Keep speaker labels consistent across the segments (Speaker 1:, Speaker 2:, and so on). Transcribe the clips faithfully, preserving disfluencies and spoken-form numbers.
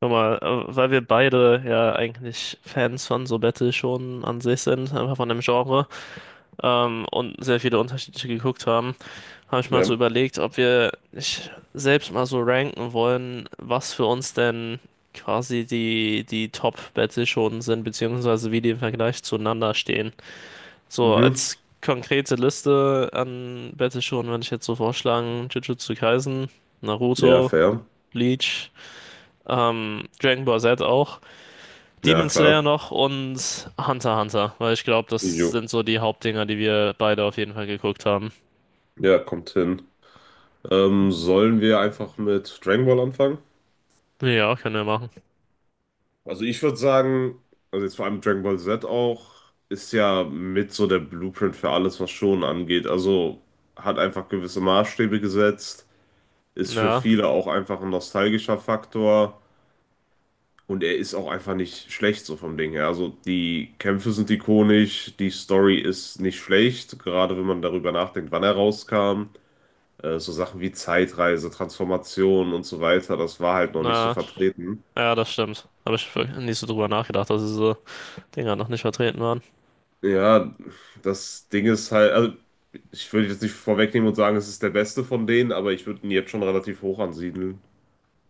Speaker 1: Guck mal, äh, weil wir beide ja eigentlich Fans von so Battle schon an sich sind, einfach von dem Genre, ähm, und sehr viele unterschiedliche geguckt haben, habe ich mal so
Speaker 2: Ja.
Speaker 1: überlegt, ob wir nicht selbst mal so ranken wollen, was für uns denn quasi die, die Top-Battle schon sind, beziehungsweise wie die im Vergleich zueinander stehen. So
Speaker 2: Mhm.
Speaker 1: als konkrete Liste an Battle schon würde ich jetzt so vorschlagen, Jujutsu Kaisen,
Speaker 2: Ja,
Speaker 1: Naruto,
Speaker 2: fair.
Speaker 1: Bleach, ähm, Dragon Ball Z auch.
Speaker 2: Ja,
Speaker 1: Demon Slayer
Speaker 2: klar.
Speaker 1: noch und Hunter x Hunter, weil ich glaube, das
Speaker 2: Jo.
Speaker 1: sind so die Hauptdinger, die wir beide auf jeden Fall geguckt haben.
Speaker 2: Ja, kommt hin. Ähm, sollen wir einfach mit Dragon Ball anfangen?
Speaker 1: Ja, können wir machen.
Speaker 2: Also ich würde sagen, also jetzt vor allem Dragon Ball Z auch, ist ja mit so der Blueprint für alles, was Shonen angeht. Also hat einfach gewisse Maßstäbe gesetzt, ist für
Speaker 1: Ja,
Speaker 2: viele auch einfach ein nostalgischer Faktor und er ist auch einfach nicht schlecht so vom Ding her. Also die Kämpfe sind ikonisch, die Story ist nicht schlecht, gerade wenn man darüber nachdenkt, wann er rauskam. Äh, so Sachen wie Zeitreise, Transformation und so weiter, das war halt noch nicht so
Speaker 1: na,
Speaker 2: vertreten.
Speaker 1: ja, das stimmt. Habe ich wirklich nicht so drüber nachgedacht, dass diese Dinger noch nicht vertreten waren.
Speaker 2: Ja, das Ding ist halt, also ich würde jetzt nicht vorwegnehmen und sagen, es ist der beste von denen, aber ich würde ihn jetzt schon relativ hoch ansiedeln.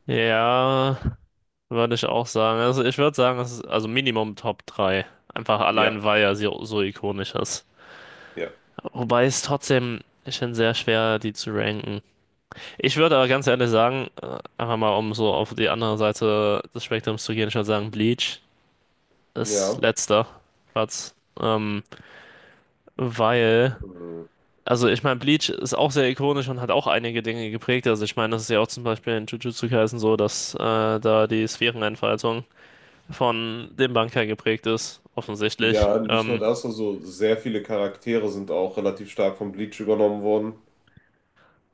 Speaker 1: Ja, würde ich auch sagen. Also ich würde sagen, es ist also Minimum Top drei. Einfach
Speaker 2: Ja,
Speaker 1: allein, weil er so, so ikonisch ist.
Speaker 2: ja,
Speaker 1: Wobei es trotzdem, ich finde, sehr schwer, die zu ranken. Ich würde aber ganz ehrlich sagen, äh, einfach mal um so auf die andere Seite des Spektrums zu gehen, ich würde sagen, Bleach ist
Speaker 2: ja.
Speaker 1: letzter Platz. Ähm, weil,
Speaker 2: Ähm,
Speaker 1: also ich meine, Bleach ist auch sehr ikonisch und hat auch einige Dinge geprägt. Also ich meine, das ist ja auch zum Beispiel in Jujutsu Kaisen so, dass äh, da die Sphärenentfaltung von dem Bankai geprägt ist, offensichtlich.
Speaker 2: Ja, nicht nur
Speaker 1: Ähm,
Speaker 2: das, also sehr viele Charaktere sind auch relativ stark von Bleach übernommen worden.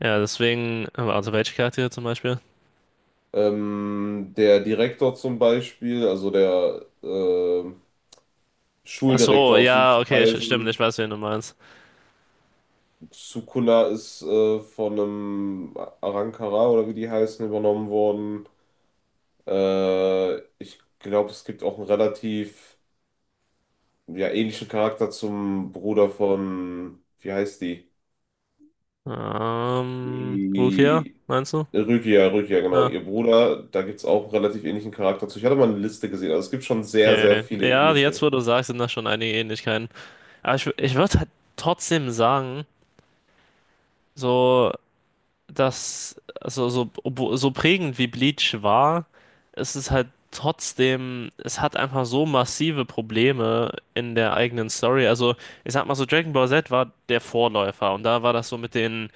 Speaker 1: ja, deswegen, also welche Charaktere zum Beispiel?
Speaker 2: Ähm, der Direktor zum Beispiel, also der äh,
Speaker 1: Ach so,
Speaker 2: Schuldirektor aus
Speaker 1: ja,
Speaker 2: Jujutsu
Speaker 1: okay, sch- stimmt, ich
Speaker 2: Kaisen,
Speaker 1: weiß, wen du meinst.
Speaker 2: Sukuna ist äh, von einem Arankara oder wie die heißen, übernommen worden. Äh, ich glaube, es gibt auch einen relativ ja, ähnlichen Charakter zum Bruder von, wie heißt die?
Speaker 1: Ähm, Rukia,
Speaker 2: Die
Speaker 1: meinst du?
Speaker 2: Rukia, Rukia, genau,
Speaker 1: Ah,
Speaker 2: ihr Bruder. Da gibt es auch einen relativ ähnlichen Charakter zu. Ich hatte mal eine Liste gesehen, also es gibt schon sehr, sehr
Speaker 1: okay.
Speaker 2: viele
Speaker 1: Ja, jetzt,
Speaker 2: ähnliche.
Speaker 1: wo du sagst, sind da schon einige Ähnlichkeiten. Aber ich, ich würde halt trotzdem sagen, so, dass, also so, obwo- so prägend wie Bleach war, ist es ist halt trotzdem, es hat einfach so massive Probleme in der eigenen Story. Also, ich sag mal so, Dragon Ball Z war der Vorläufer und da war das so mit den,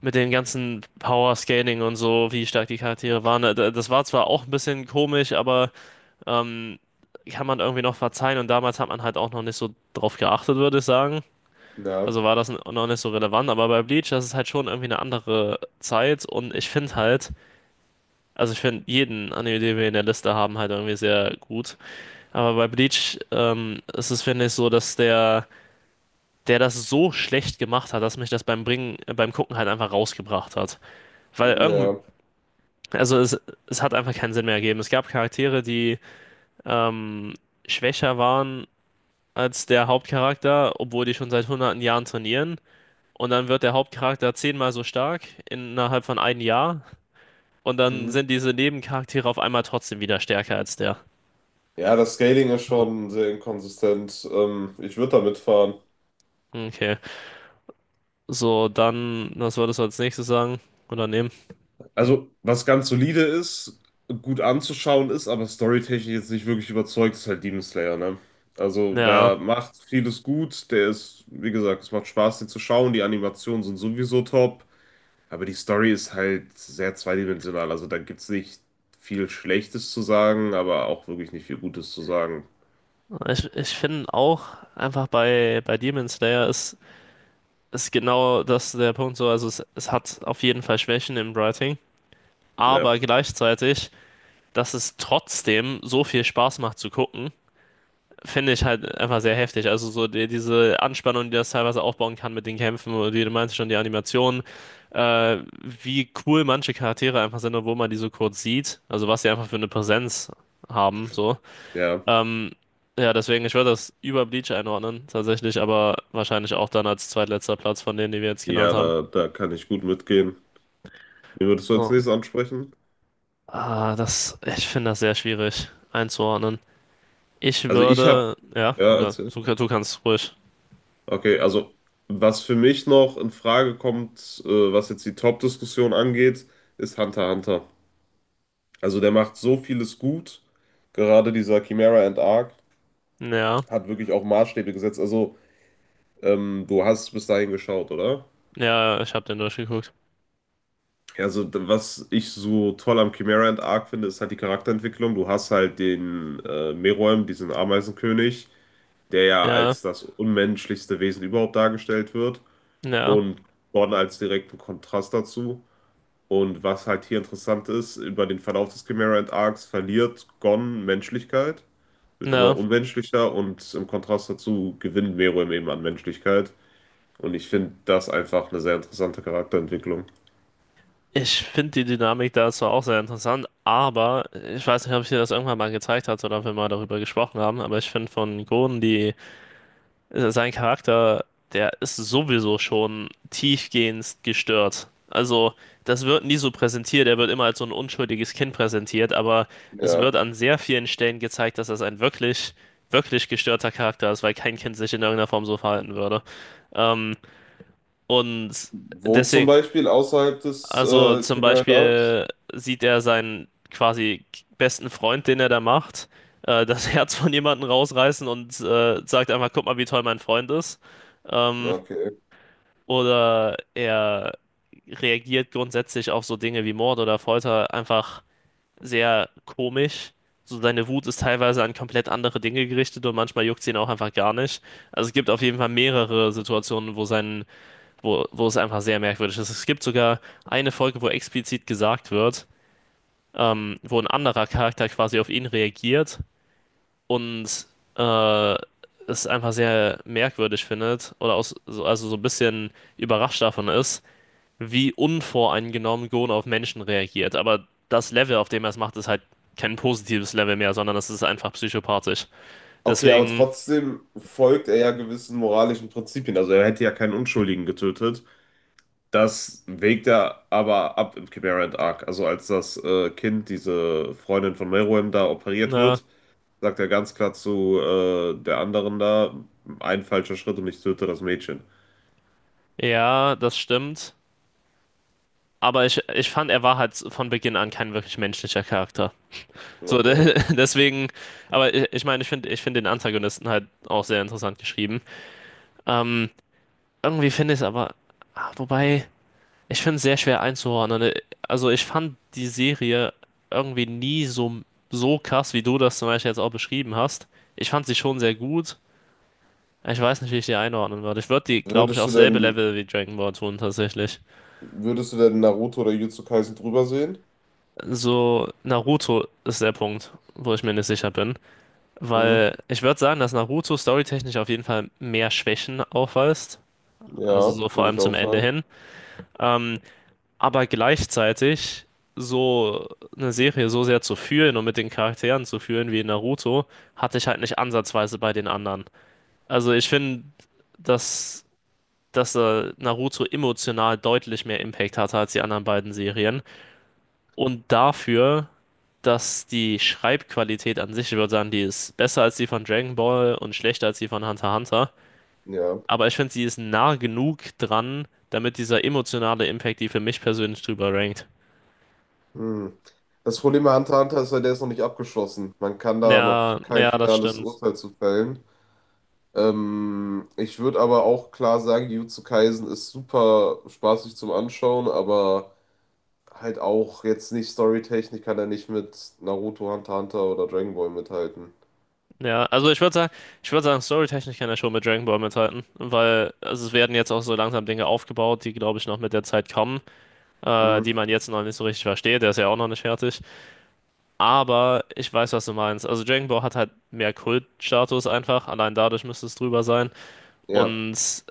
Speaker 1: mit den ganzen Power-Scaling und so, wie stark die Charaktere waren. Da- Das war zwar auch ein bisschen komisch, aber. ähm, Kann man irgendwie noch verzeihen. Und damals hat man halt auch noch nicht so drauf geachtet, würde ich sagen.
Speaker 2: Ja,
Speaker 1: Also war das n- noch nicht so relevant. Aber bei Bleach, das ist halt schon irgendwie eine andere Zeit. Und ich finde halt, also ich finde jeden Anime, den wir in der Liste haben, halt irgendwie sehr gut. Aber bei Bleach ähm, ist es, finde ich, so, dass der, der das so schlecht gemacht hat, dass mich das beim Bringen, äh, beim Gucken halt einfach rausgebracht hat. Weil irgend,
Speaker 2: ja.
Speaker 1: also es, es hat einfach keinen Sinn mehr ergeben. Es gab Charaktere, die ähm, schwächer waren als der Hauptcharakter, obwohl die schon seit hunderten Jahren trainieren. Und dann wird der Hauptcharakter zehnmal so stark innerhalb von einem Jahr. Und dann
Speaker 2: Mhm.
Speaker 1: sind diese Nebencharaktere auf einmal trotzdem wieder stärker als der.
Speaker 2: Ja, das Scaling ist
Speaker 1: Hm.
Speaker 2: schon sehr inkonsistent. Ähm, ich würde da mitfahren.
Speaker 1: Okay. So, dann, was würdest du als nächstes sagen? Oder nehmen?
Speaker 2: Also, was ganz solide ist, gut anzuschauen ist, aber storytechnisch jetzt nicht wirklich überzeugt, ist halt Demon Slayer, ne? Also,
Speaker 1: Ja.
Speaker 2: der macht vieles gut, der ist, wie gesagt, es macht Spaß, den zu schauen, die Animationen sind sowieso top, aber die Story ist halt sehr zweidimensional, also da gibt's nicht viel Schlechtes zu sagen, aber auch wirklich nicht viel Gutes zu sagen.
Speaker 1: Ich, ich finde auch einfach bei, bei Demon Slayer ist, ist genau das der Punkt so. Also es, es hat auf jeden Fall Schwächen im Writing,
Speaker 2: Ja,
Speaker 1: aber gleichzeitig, dass es trotzdem so viel Spaß macht zu gucken finde ich halt einfach sehr heftig. Also so die, diese Anspannung, die das teilweise aufbauen kann mit den Kämpfen, und wie du meinst schon, die Animationen, äh, wie cool manche Charaktere einfach sind, obwohl man die so kurz sieht. Also was sie einfach für eine Präsenz haben, so.
Speaker 2: ja,
Speaker 1: Ähm, ja, deswegen, ich würde das über Bleach einordnen, tatsächlich, aber wahrscheinlich auch dann als zweitletzter Platz von denen, die wir jetzt genannt
Speaker 2: ja,
Speaker 1: haben.
Speaker 2: da, da kann ich gut mitgehen. Wie würdest du als
Speaker 1: So.
Speaker 2: nächstes ansprechen?
Speaker 1: Ah, das, ich finde das sehr schwierig einzuordnen. Ich
Speaker 2: Also, ich habe,
Speaker 1: würde, ja,
Speaker 2: ja,
Speaker 1: oder
Speaker 2: erzähl.
Speaker 1: du, du kannst ruhig.
Speaker 2: Okay, also was für mich noch in Frage kommt, äh, was jetzt die Top-Diskussion angeht, ist Hunter x Hunter. Also der macht so vieles gut. Gerade dieser Chimera and Arc
Speaker 1: Ja,
Speaker 2: hat wirklich auch Maßstäbe gesetzt. Also ähm, du hast bis dahin geschaut, oder?
Speaker 1: ja, ich habe den durchgeguckt.
Speaker 2: Ja, also d- was ich so toll am Chimera and Arc finde, ist halt die Charakterentwicklung. Du hast halt den äh, Meruem, diesen Ameisenkönig, der ja
Speaker 1: Ja,
Speaker 2: als das unmenschlichste Wesen überhaupt dargestellt wird.
Speaker 1: ja,
Speaker 2: Und Gordon als direkten Kontrast dazu. Und was halt hier interessant ist, über den Verlauf des Chimera and Arcs verliert Gon Menschlichkeit, wird immer
Speaker 1: ja.
Speaker 2: unmenschlicher und im Kontrast dazu gewinnt Meruem eben an Menschlichkeit. Und ich finde das einfach eine sehr interessante Charakterentwicklung.
Speaker 1: Ich finde die Dynamik da zwar auch sehr interessant, aber ich weiß nicht, ob ich dir das irgendwann mal gezeigt hatte oder ob wir mal darüber gesprochen haben, aber ich finde von Gordon, die, äh, sein Charakter, der ist sowieso schon tiefgehend gestört. Also, das wird nie so präsentiert, er wird immer als so ein unschuldiges Kind präsentiert, aber es
Speaker 2: Ja.
Speaker 1: wird an sehr vielen Stellen gezeigt, dass das ein wirklich, wirklich gestörter Charakter ist, weil kein Kind sich in irgendeiner Form so verhalten würde. Ähm, und
Speaker 2: Wo zum
Speaker 1: deswegen.
Speaker 2: Beispiel außerhalb des
Speaker 1: Also
Speaker 2: äh,
Speaker 1: zum
Speaker 2: Chimera and
Speaker 1: Beispiel sieht er seinen quasi besten Freund, den er da macht, äh, das Herz von jemandem rausreißen und äh, sagt einfach, guck mal, wie toll mein Freund ist. Ähm,
Speaker 2: Okay.
Speaker 1: oder er reagiert grundsätzlich auf so Dinge wie Mord oder Folter einfach sehr komisch. So seine Wut ist teilweise an komplett andere Dinge gerichtet und manchmal juckt sie ihn auch einfach gar nicht. Also es gibt auf jeden Fall mehrere Situationen, wo sein wo, wo es einfach sehr merkwürdig ist. Es gibt sogar eine Folge, wo explizit gesagt wird, ähm, wo ein anderer Charakter quasi auf ihn reagiert und äh, es einfach sehr merkwürdig findet oder aus, so- also so ein bisschen überrascht davon ist, wie unvoreingenommen Gon auf Menschen reagiert. Aber das Level, auf dem er es macht, ist halt kein positives Level mehr, sondern das ist einfach psychopathisch.
Speaker 2: Okay, aber
Speaker 1: Deswegen,
Speaker 2: trotzdem folgt er ja gewissen moralischen Prinzipien. Also er hätte ja keinen Unschuldigen getötet. Das wägt er aber ab im Chimera and Arc. Also als das äh, Kind, diese Freundin von Meruem da operiert
Speaker 1: ne,
Speaker 2: wird, sagt er ganz klar zu äh, der anderen da, ein falscher Schritt und ich töte das Mädchen.
Speaker 1: ja, das stimmt. Aber ich, ich fand, er war halt von Beginn an kein wirklich menschlicher Charakter. So,
Speaker 2: Okay.
Speaker 1: de deswegen, aber ich, ich meine, ich finde ich find den Antagonisten halt auch sehr interessant geschrieben. Ähm, irgendwie finde ich es aber, ah, wobei, ich finde es sehr schwer einzuordnen. Äh, Also, ich fand die Serie irgendwie nie so, so krass, wie du das zum Beispiel jetzt auch beschrieben hast. Ich fand sie schon sehr gut. Ich weiß nicht, wie ich die einordnen würde. Ich würde die, glaube ich,
Speaker 2: Würdest du
Speaker 1: aufs selbe
Speaker 2: denn,
Speaker 1: Level wie Dragon Ball tun, tatsächlich.
Speaker 2: Würdest du denn Naruto oder Jujutsu Kaisen drüber sehen?
Speaker 1: So, Naruto ist der Punkt, wo ich mir nicht sicher bin.
Speaker 2: Mhm.
Speaker 1: Weil ich würde sagen, dass Naruto storytechnisch auf jeden Fall mehr Schwächen aufweist. Also
Speaker 2: Ja,
Speaker 1: so vor
Speaker 2: würde
Speaker 1: allem
Speaker 2: ich
Speaker 1: zum
Speaker 2: auch
Speaker 1: Ende
Speaker 2: sagen.
Speaker 1: hin. Ähm, aber gleichzeitig so eine Serie so sehr zu fühlen und mit den Charakteren zu fühlen wie in Naruto, hatte ich halt nicht ansatzweise bei den anderen. Also ich finde, dass, dass äh, Naruto emotional deutlich mehr Impact hatte als die anderen beiden Serien. Und dafür, dass die Schreibqualität an sich, ich würde sagen, die ist besser als die von Dragon Ball und schlechter als die von Hunter x Hunter.
Speaker 2: Ja.
Speaker 1: Aber ich finde, sie ist nah genug dran, damit dieser emotionale Impact die für mich persönlich drüber rankt.
Speaker 2: Hm. Das Problem bei Hunter x Hunter ist ja, der ist noch nicht abgeschlossen. Man kann da
Speaker 1: Ja,
Speaker 2: noch kein
Speaker 1: ja, das
Speaker 2: finales
Speaker 1: stimmt.
Speaker 2: Urteil zu fällen. Ähm, ich würde aber auch klar sagen, Jujutsu Kaisen ist super spaßig zum Anschauen, aber halt auch jetzt nicht storytechnisch kann er nicht mit Naruto, Hunter x Hunter oder Dragon Ball mithalten.
Speaker 1: Ja, also ich würde sagen, ich würde sagen, storytechnisch kann er schon mit Dragon Ball mithalten, weil also es werden jetzt auch so langsam Dinge aufgebaut, die glaube ich noch mit der Zeit kommen, äh, die
Speaker 2: Mhm.
Speaker 1: man jetzt noch nicht so richtig versteht. Der ist ja auch noch nicht fertig. Aber ich weiß, was du meinst. Also Dragon Ball hat halt mehr Kultstatus einfach. Allein dadurch müsste es drüber sein.
Speaker 2: Ja,
Speaker 1: Und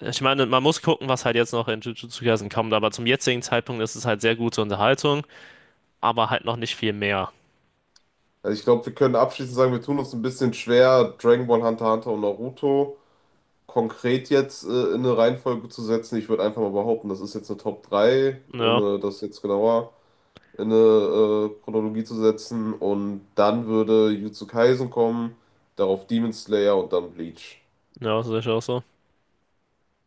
Speaker 1: ich meine, man muss gucken, was halt jetzt noch in Jujutsu Kaisen kommt. Aber zum jetzigen Zeitpunkt ist es halt sehr gute Unterhaltung, aber halt noch nicht viel mehr.
Speaker 2: also ich glaube, wir können abschließend sagen, wir tun uns ein bisschen schwer, Dragon Ball, Hunter x Hunter und Naruto konkret jetzt äh, in eine Reihenfolge zu setzen. Ich würde einfach mal behaupten, das ist jetzt eine Top drei,
Speaker 1: Ja,
Speaker 2: ohne das jetzt genauer. In eine äh, Chronologie zu setzen und dann würde Jujutsu Kaisen kommen, darauf Demon Slayer und dann Bleach.
Speaker 1: ja, sehe ich auch so.